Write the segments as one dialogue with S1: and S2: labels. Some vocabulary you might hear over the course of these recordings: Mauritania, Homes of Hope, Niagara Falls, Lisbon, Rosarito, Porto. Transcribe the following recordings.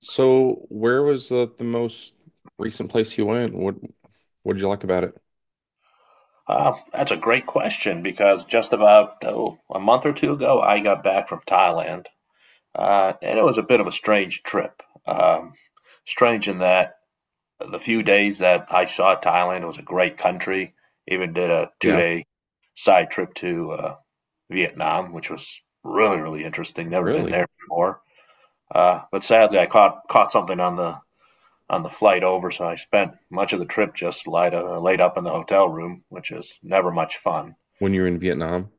S1: So, where was the most recent place you went? What did you like about it?
S2: That's a great question because just about oh, a month or two ago, I got back from Thailand. And it was a bit of a strange trip. Um, strange in that the few days that I saw Thailand it was a great country. Even did a
S1: Yeah,
S2: two-day side trip to Vietnam, which was really, really interesting. Never been
S1: really?
S2: there before. But sadly, I caught something on the flight over, so I spent much of the trip just light, laid up in the hotel room, which is never much fun.
S1: When you were in Vietnam?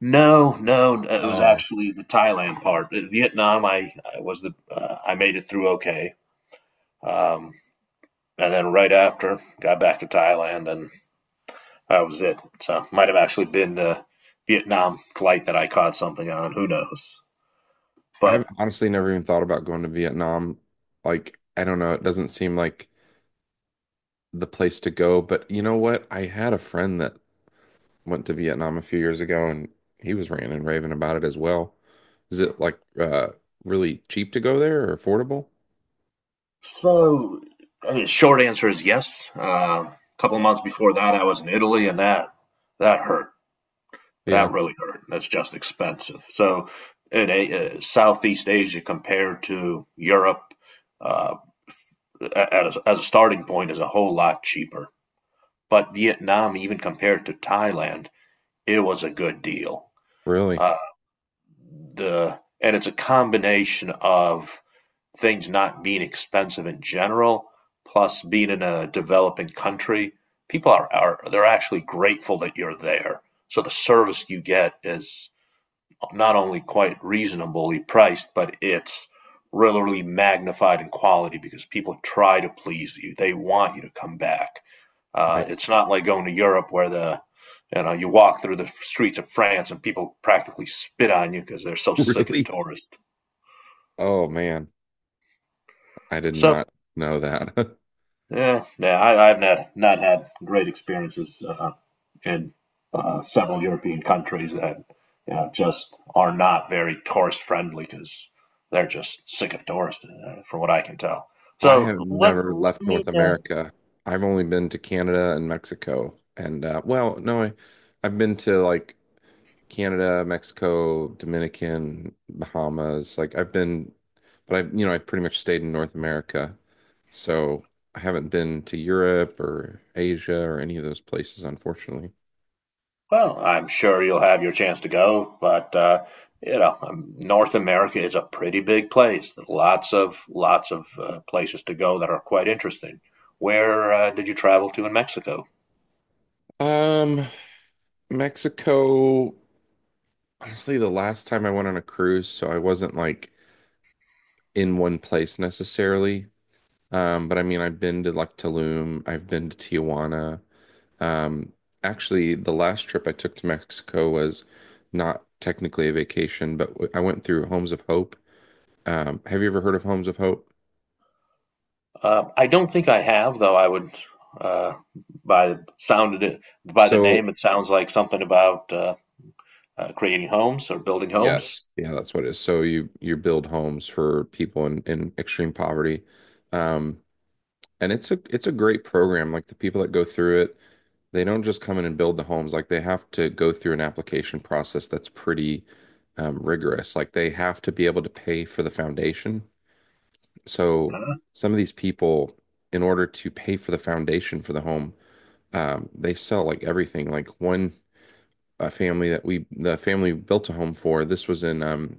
S2: No, no, it was
S1: Oh,
S2: actually the Thailand part. Vietnam, I was the I made it through okay. um, and then right after got back to Thailand, and that was it. So might have actually been the Vietnam flight that I caught something on. Who knows?
S1: I've
S2: But
S1: honestly never even thought about going to Vietnam. Like, I don't know, it doesn't seem like the place to go, but you know what? I had a friend that went to Vietnam a few years ago and he was ranting and raving about it as well. Is it like really cheap to go there or affordable?
S2: so, I mean, short answer is yes. A couple of months before that, I was in Italy, and that hurt.
S1: Yeah,
S2: That really hurt. That's just expensive. So, in a, Southeast Asia compared to Europe, uh, a- at as a starting point, is a whole lot cheaper. But Vietnam, even compared to Thailand, it was a good deal.
S1: really.
S2: Uh, the and it's a combination of things not being expensive in general, plus being in a developing country. People are they're actually grateful that you're there. So the service you get is not only quite reasonably priced, but it's really magnified in quality because people try to please you. They want you to come back. It's
S1: Nice.
S2: not like going to Europe where the you know you walk through the streets of France and people practically spit on you because they're so sick of
S1: Really?
S2: tourists.
S1: Oh man, I did
S2: So
S1: not know that.
S2: Yeah, yeah, I've not had great experiences in several European countries that you know just are not very tourist friendly because they're just sick of tourists, from what I can tell.
S1: I
S2: So
S1: have
S2: let
S1: never
S2: let
S1: left
S2: me.
S1: North America. I've only been to Canada and Mexico. And well, no, I've been to like Canada, Mexico, Dominican, Bahamas. Like I've been, but I've pretty much stayed in North America. So I haven't been to Europe or Asia or any of those places, unfortunately.
S2: Well, I'm sure you'll have your chance to go, but North America is a pretty big place. There's lots of places to go that are quite interesting. Where did you travel to in Mexico?
S1: Um, Mexico, honestly, the last time I went on a cruise, so I wasn't like in one place necessarily. But I mean, I've been to like Tulum, I've been to Tijuana. Um, Actually, the last trip I took to Mexico was not technically a vacation, but I went through Homes of Hope. Have you ever heard of Homes of Hope?
S2: I don't think I have, though. I would uh, by sounded it by the
S1: So,
S2: name, it sounds like something about creating homes or building homes.
S1: yes, yeah, that's what it is. So you build homes for people in extreme poverty. Um, And it's a great program. Like the people that go through it, they don't just come in and build the homes. Like they have to go through an application process that's pretty rigorous. Like they have to be able to pay for the foundation. So
S2: Uh,
S1: some of these people, in order to pay for the foundation for the home, they sell like everything. Like one a family that we the family built a home for. This was in um,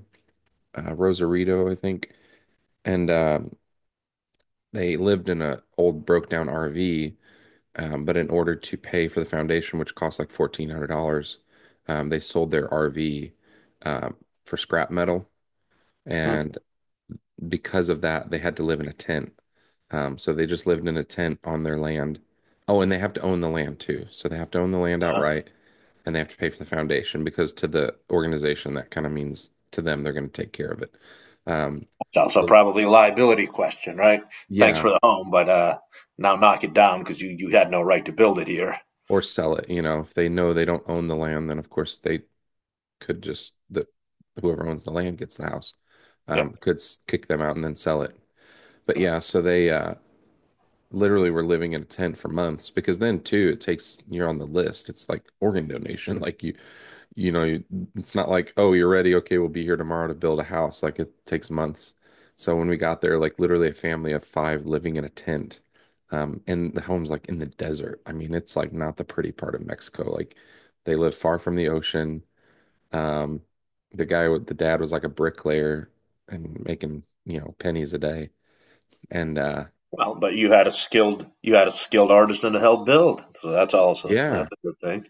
S1: uh, Rosarito, I think, and they lived in a old broke down RV. But in order to pay for the foundation, which cost like $1,400, they sold their RV um, for scrap metal.
S2: hmm.
S1: And because of that, they had to live in a tent. So they just lived in a tent on their land. Oh, and they have to own the land too. So they have to own the land
S2: Uh,
S1: outright and they have to pay for the foundation because to the organization, that kind of means to them they're going to take care of it. Um,
S2: it's also
S1: so,
S2: probably a liability question, right? Thanks
S1: yeah,
S2: for the home, but now knock it down because you had no right to build it here.
S1: or sell it. You know, if they know they don't own the land, then of course they could just the whoever owns the land gets the house,
S2: Yeah,
S1: could kick them out and then sell it. But
S2: yeah.
S1: yeah, so they literally were living in a tent for months because then too it takes you're on the list. It's like organ donation. Like you, it's not like oh you're ready okay we'll be here tomorrow to build a house. Like it takes months. So when we got there, like literally a family of five living in a tent. And the home's like in the desert. I mean, it's like not the pretty part of Mexico. Like they live far from the ocean. um, the guy with the dad was like a bricklayer and making pennies a day. And
S2: Well, but you had a skilled you had a skilled artisan to help build, so that's also
S1: yeah,
S2: that's a good thing.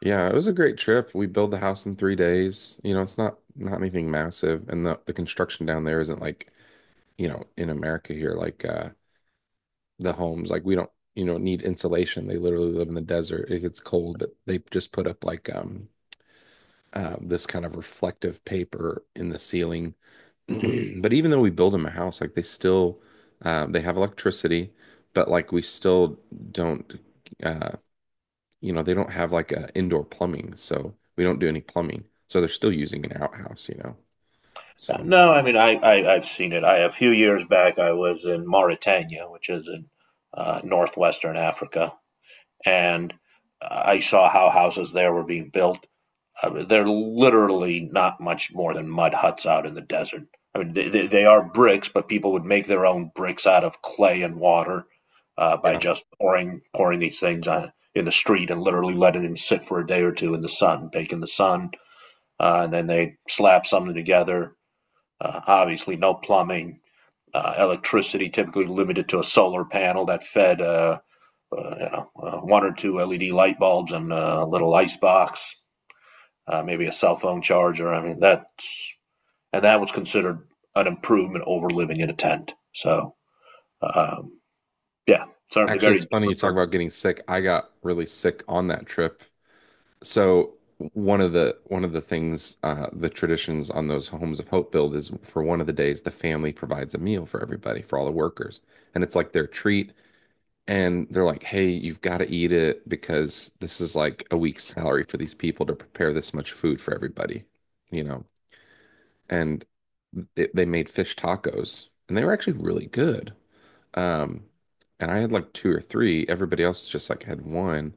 S1: yeah, it was a great trip. We built the house in 3 days. You know, it's not anything massive. And the construction down there isn't like in America here, like the homes, like we don't need insulation. They literally live in the desert. It gets cold, but they just put up like this kind of reflective paper in the ceiling. But even though we build them a house, like they still they have electricity, but like we still don't uh, they don't have like indoor plumbing, so we don't do any plumbing. So they're still using an outhouse. So
S2: No, I mean, I've seen it. I, a few years back, I was in Mauritania, which is in northwestern Africa, and I saw how houses there were being built. I mean, they're literally not much more than mud huts out in the desert. I mean, they are bricks, but people would make their own bricks out of clay and water by
S1: yeah.
S2: just pouring these things on, in the street and literally letting them sit for a day or two in the sun, bake in the sun. And then they slap something together. Obviously, no plumbing. Electricity typically limited to a solar panel that fed one or two LED light bulbs and a little ice box, maybe a cell phone charger. I mean that, and that was considered an improvement over living in a tent. Um, yeah, certainly
S1: Actually,
S2: very
S1: it's funny you
S2: different
S1: talk
S2: from.
S1: about getting sick. I got really sick on that trip. So one of the things, the traditions on those Homes of Hope build is for one of the days the family provides a meal for everybody, for all the workers. And it's like their treat. And they're like, hey, you've got to eat it because this is like a week's salary for these people to prepare this much food for everybody, you know? And they made fish tacos and they were actually really good. Um, and I had like two or three. Everybody else just like had one.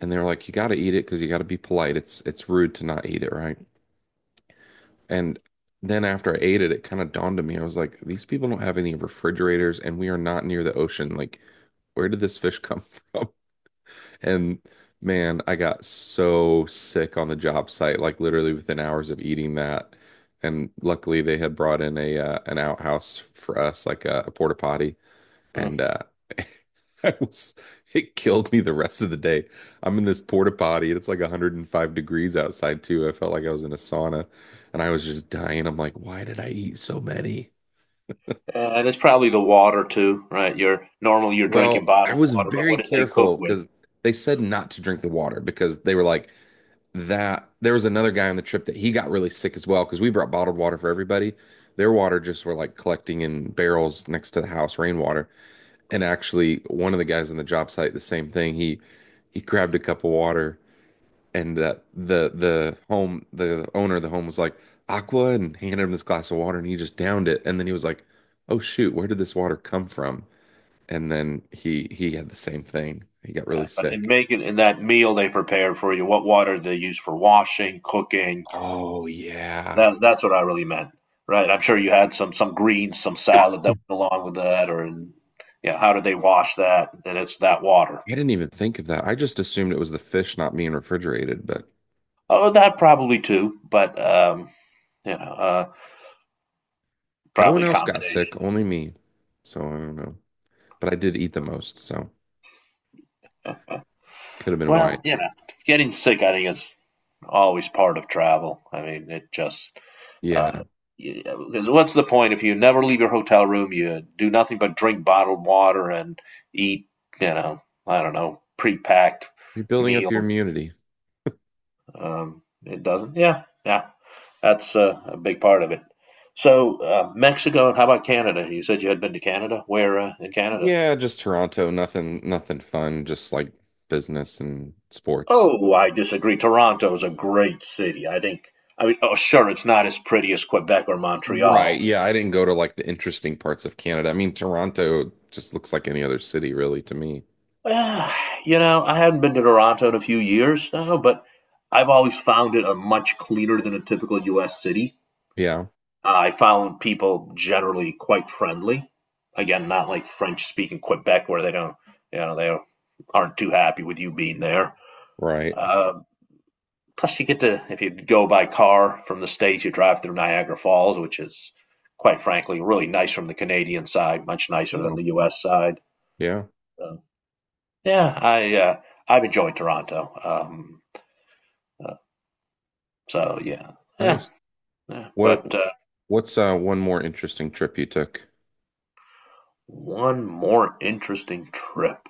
S1: And they were like, you got to eat it because you got to be polite. It's rude to not eat it, right? And then after I ate it, it kind of dawned on me. I was like, these people don't have any refrigerators and we are not near the ocean. Like, where did this fish come from? And man, I got so sick on the job site, like literally within hours of eating that. And luckily, they had brought in a an outhouse for us, like a porta potty,
S2: Mm.
S1: and I was it killed me the rest of the day. I'm in this porta potty, and it's like 105 degrees outside too. I felt like I was in a sauna, and I was just dying. I'm like, why did I eat so many?
S2: And it's probably the water too, right? You're normally you're
S1: Well,
S2: drinking
S1: I
S2: bottled
S1: was
S2: water, but
S1: very
S2: what did they cook
S1: careful
S2: with?
S1: because they said not to drink the water because they were like, that there was another guy on the trip that he got really sick as well because we brought bottled water for everybody. Their water just were like collecting in barrels next to the house, rainwater. And actually, one of the guys on the job site, the same thing. He grabbed a cup of water, and that the owner of the home was like aqua and handed him this glass of water, and he just downed it. And then he was like, "Oh shoot, where did this water come from?" And then he had the same thing. He got really
S2: But in
S1: sick.
S2: making in that meal they prepared for you, what water did they use for washing, cooking,
S1: Oh, yeah.
S2: That's what I really meant, right? I'm sure you had some greens, some salad that went along with that, or yeah, how did they wash that? And it's that water.
S1: I didn't even think of that. I just assumed it was the fish not being refrigerated, but
S2: Oh, that probably too, but you know, uh,
S1: no one
S2: probably
S1: else got sick,
S2: combination.
S1: only me. So I don't know. But I did eat the most, so could have been why.
S2: Well, you know, getting sick, I think, is always part of travel. I mean, it just uh,
S1: Yeah.
S2: you know, 'cause what's the point if you never leave your hotel room? You do nothing but drink bottled water and eat, you know, I don't know, pre-packed
S1: You're building up your
S2: meals.
S1: immunity.
S2: It doesn't. Yeah, yeah. That's a big part of it. So Mexico, and how about Canada? You said you had been to Canada. Where in Canada?
S1: Yeah, just Toronto, nothing fun, just like business and sports.
S2: Oh, I disagree. Toronto is a great city, I think. I mean, oh, sure, it's not as pretty as Quebec or
S1: Right.
S2: Montreal.
S1: Yeah, I didn't go to like the interesting parts of Canada. I mean, Toronto just looks like any other city really to me.
S2: Uh, you know, I haven't been to Toronto in a few years now, but I've always found it a much cleaner than a typical U.S. city.
S1: Yeah,
S2: I found people generally quite friendly. Again, not like French speaking Quebec where they don't, you know, they aren't too happy with you being there.
S1: right.
S2: Uh, Plus, you get to, if you go by car from the States, you drive through Niagara Falls, which is quite frankly really nice from the Canadian side, much nicer than
S1: Oh,
S2: the U.S. side.
S1: yeah.
S2: So, yeah, I've enjoyed Toronto. Uh, yeah, yeah,
S1: Nice.
S2: yeah.
S1: What
S2: But
S1: what's one more interesting trip you took?
S2: One more interesting trip.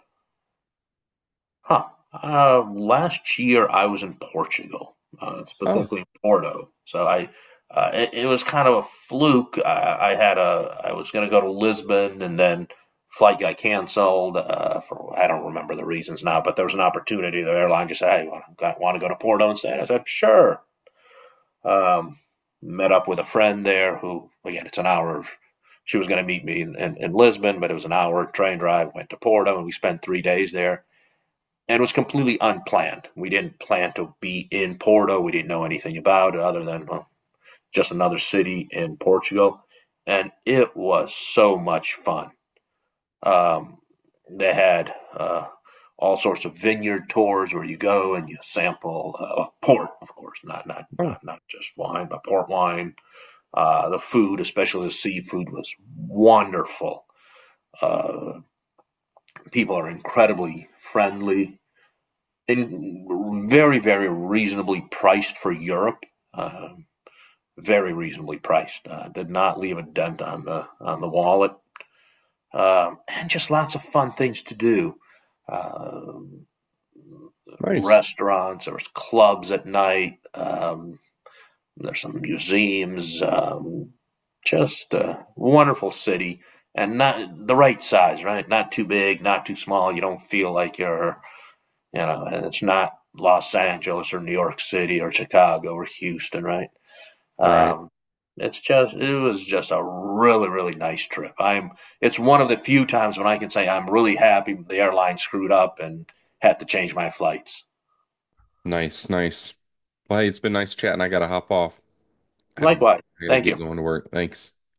S2: Huh. Last year I was in Portugal,
S1: Oh,
S2: specifically in Porto. It, it was kind of a fluke. I had a, I was going to go to Lisbon and then flight got canceled for I don't remember the reasons now, but there was an opportunity. The airline just said, "Hey, want to go to Porto instead?" I said, "Sure." Um, Met up with a friend there who, again, it's an hour. She was going to meet me in Lisbon, but it was an hour train drive. Went to Porto and we spent 3 days there and it was completely unplanned. We didn't plan to be in Porto. We didn't know anything about it other than well, just another city in Portugal, and it was so much fun. Um, they had all sorts of vineyard tours where you go and you sample port, of course, not not
S1: Oh,
S2: not not just wine, but port wine. The food, especially the seafood, was wonderful. Uh, People are incredibly friendly and very, very reasonably priced for Europe. Uh, Very reasonably priced. Did not leave a dent on the wallet. And just lots of fun things to do. Uh,
S1: nice.
S2: Restaurants, there was clubs at night. There's some museums. Just a wonderful city, and not the right size, right? Not too big, not too small. You don't feel like and it's not Los Angeles or New York City or Chicago or Houston, right?
S1: Right.
S2: Um, it's just it was just a really really nice trip. I'm It's one of the few times when I can say I'm really happy the airline screwed up and had to change my flights.
S1: Nice, nice. Well, hey, it's been nice chatting. I gotta hop off. I gotta get,
S2: Likewise,
S1: I gotta
S2: thank
S1: get
S2: you.
S1: going to work. Thanks.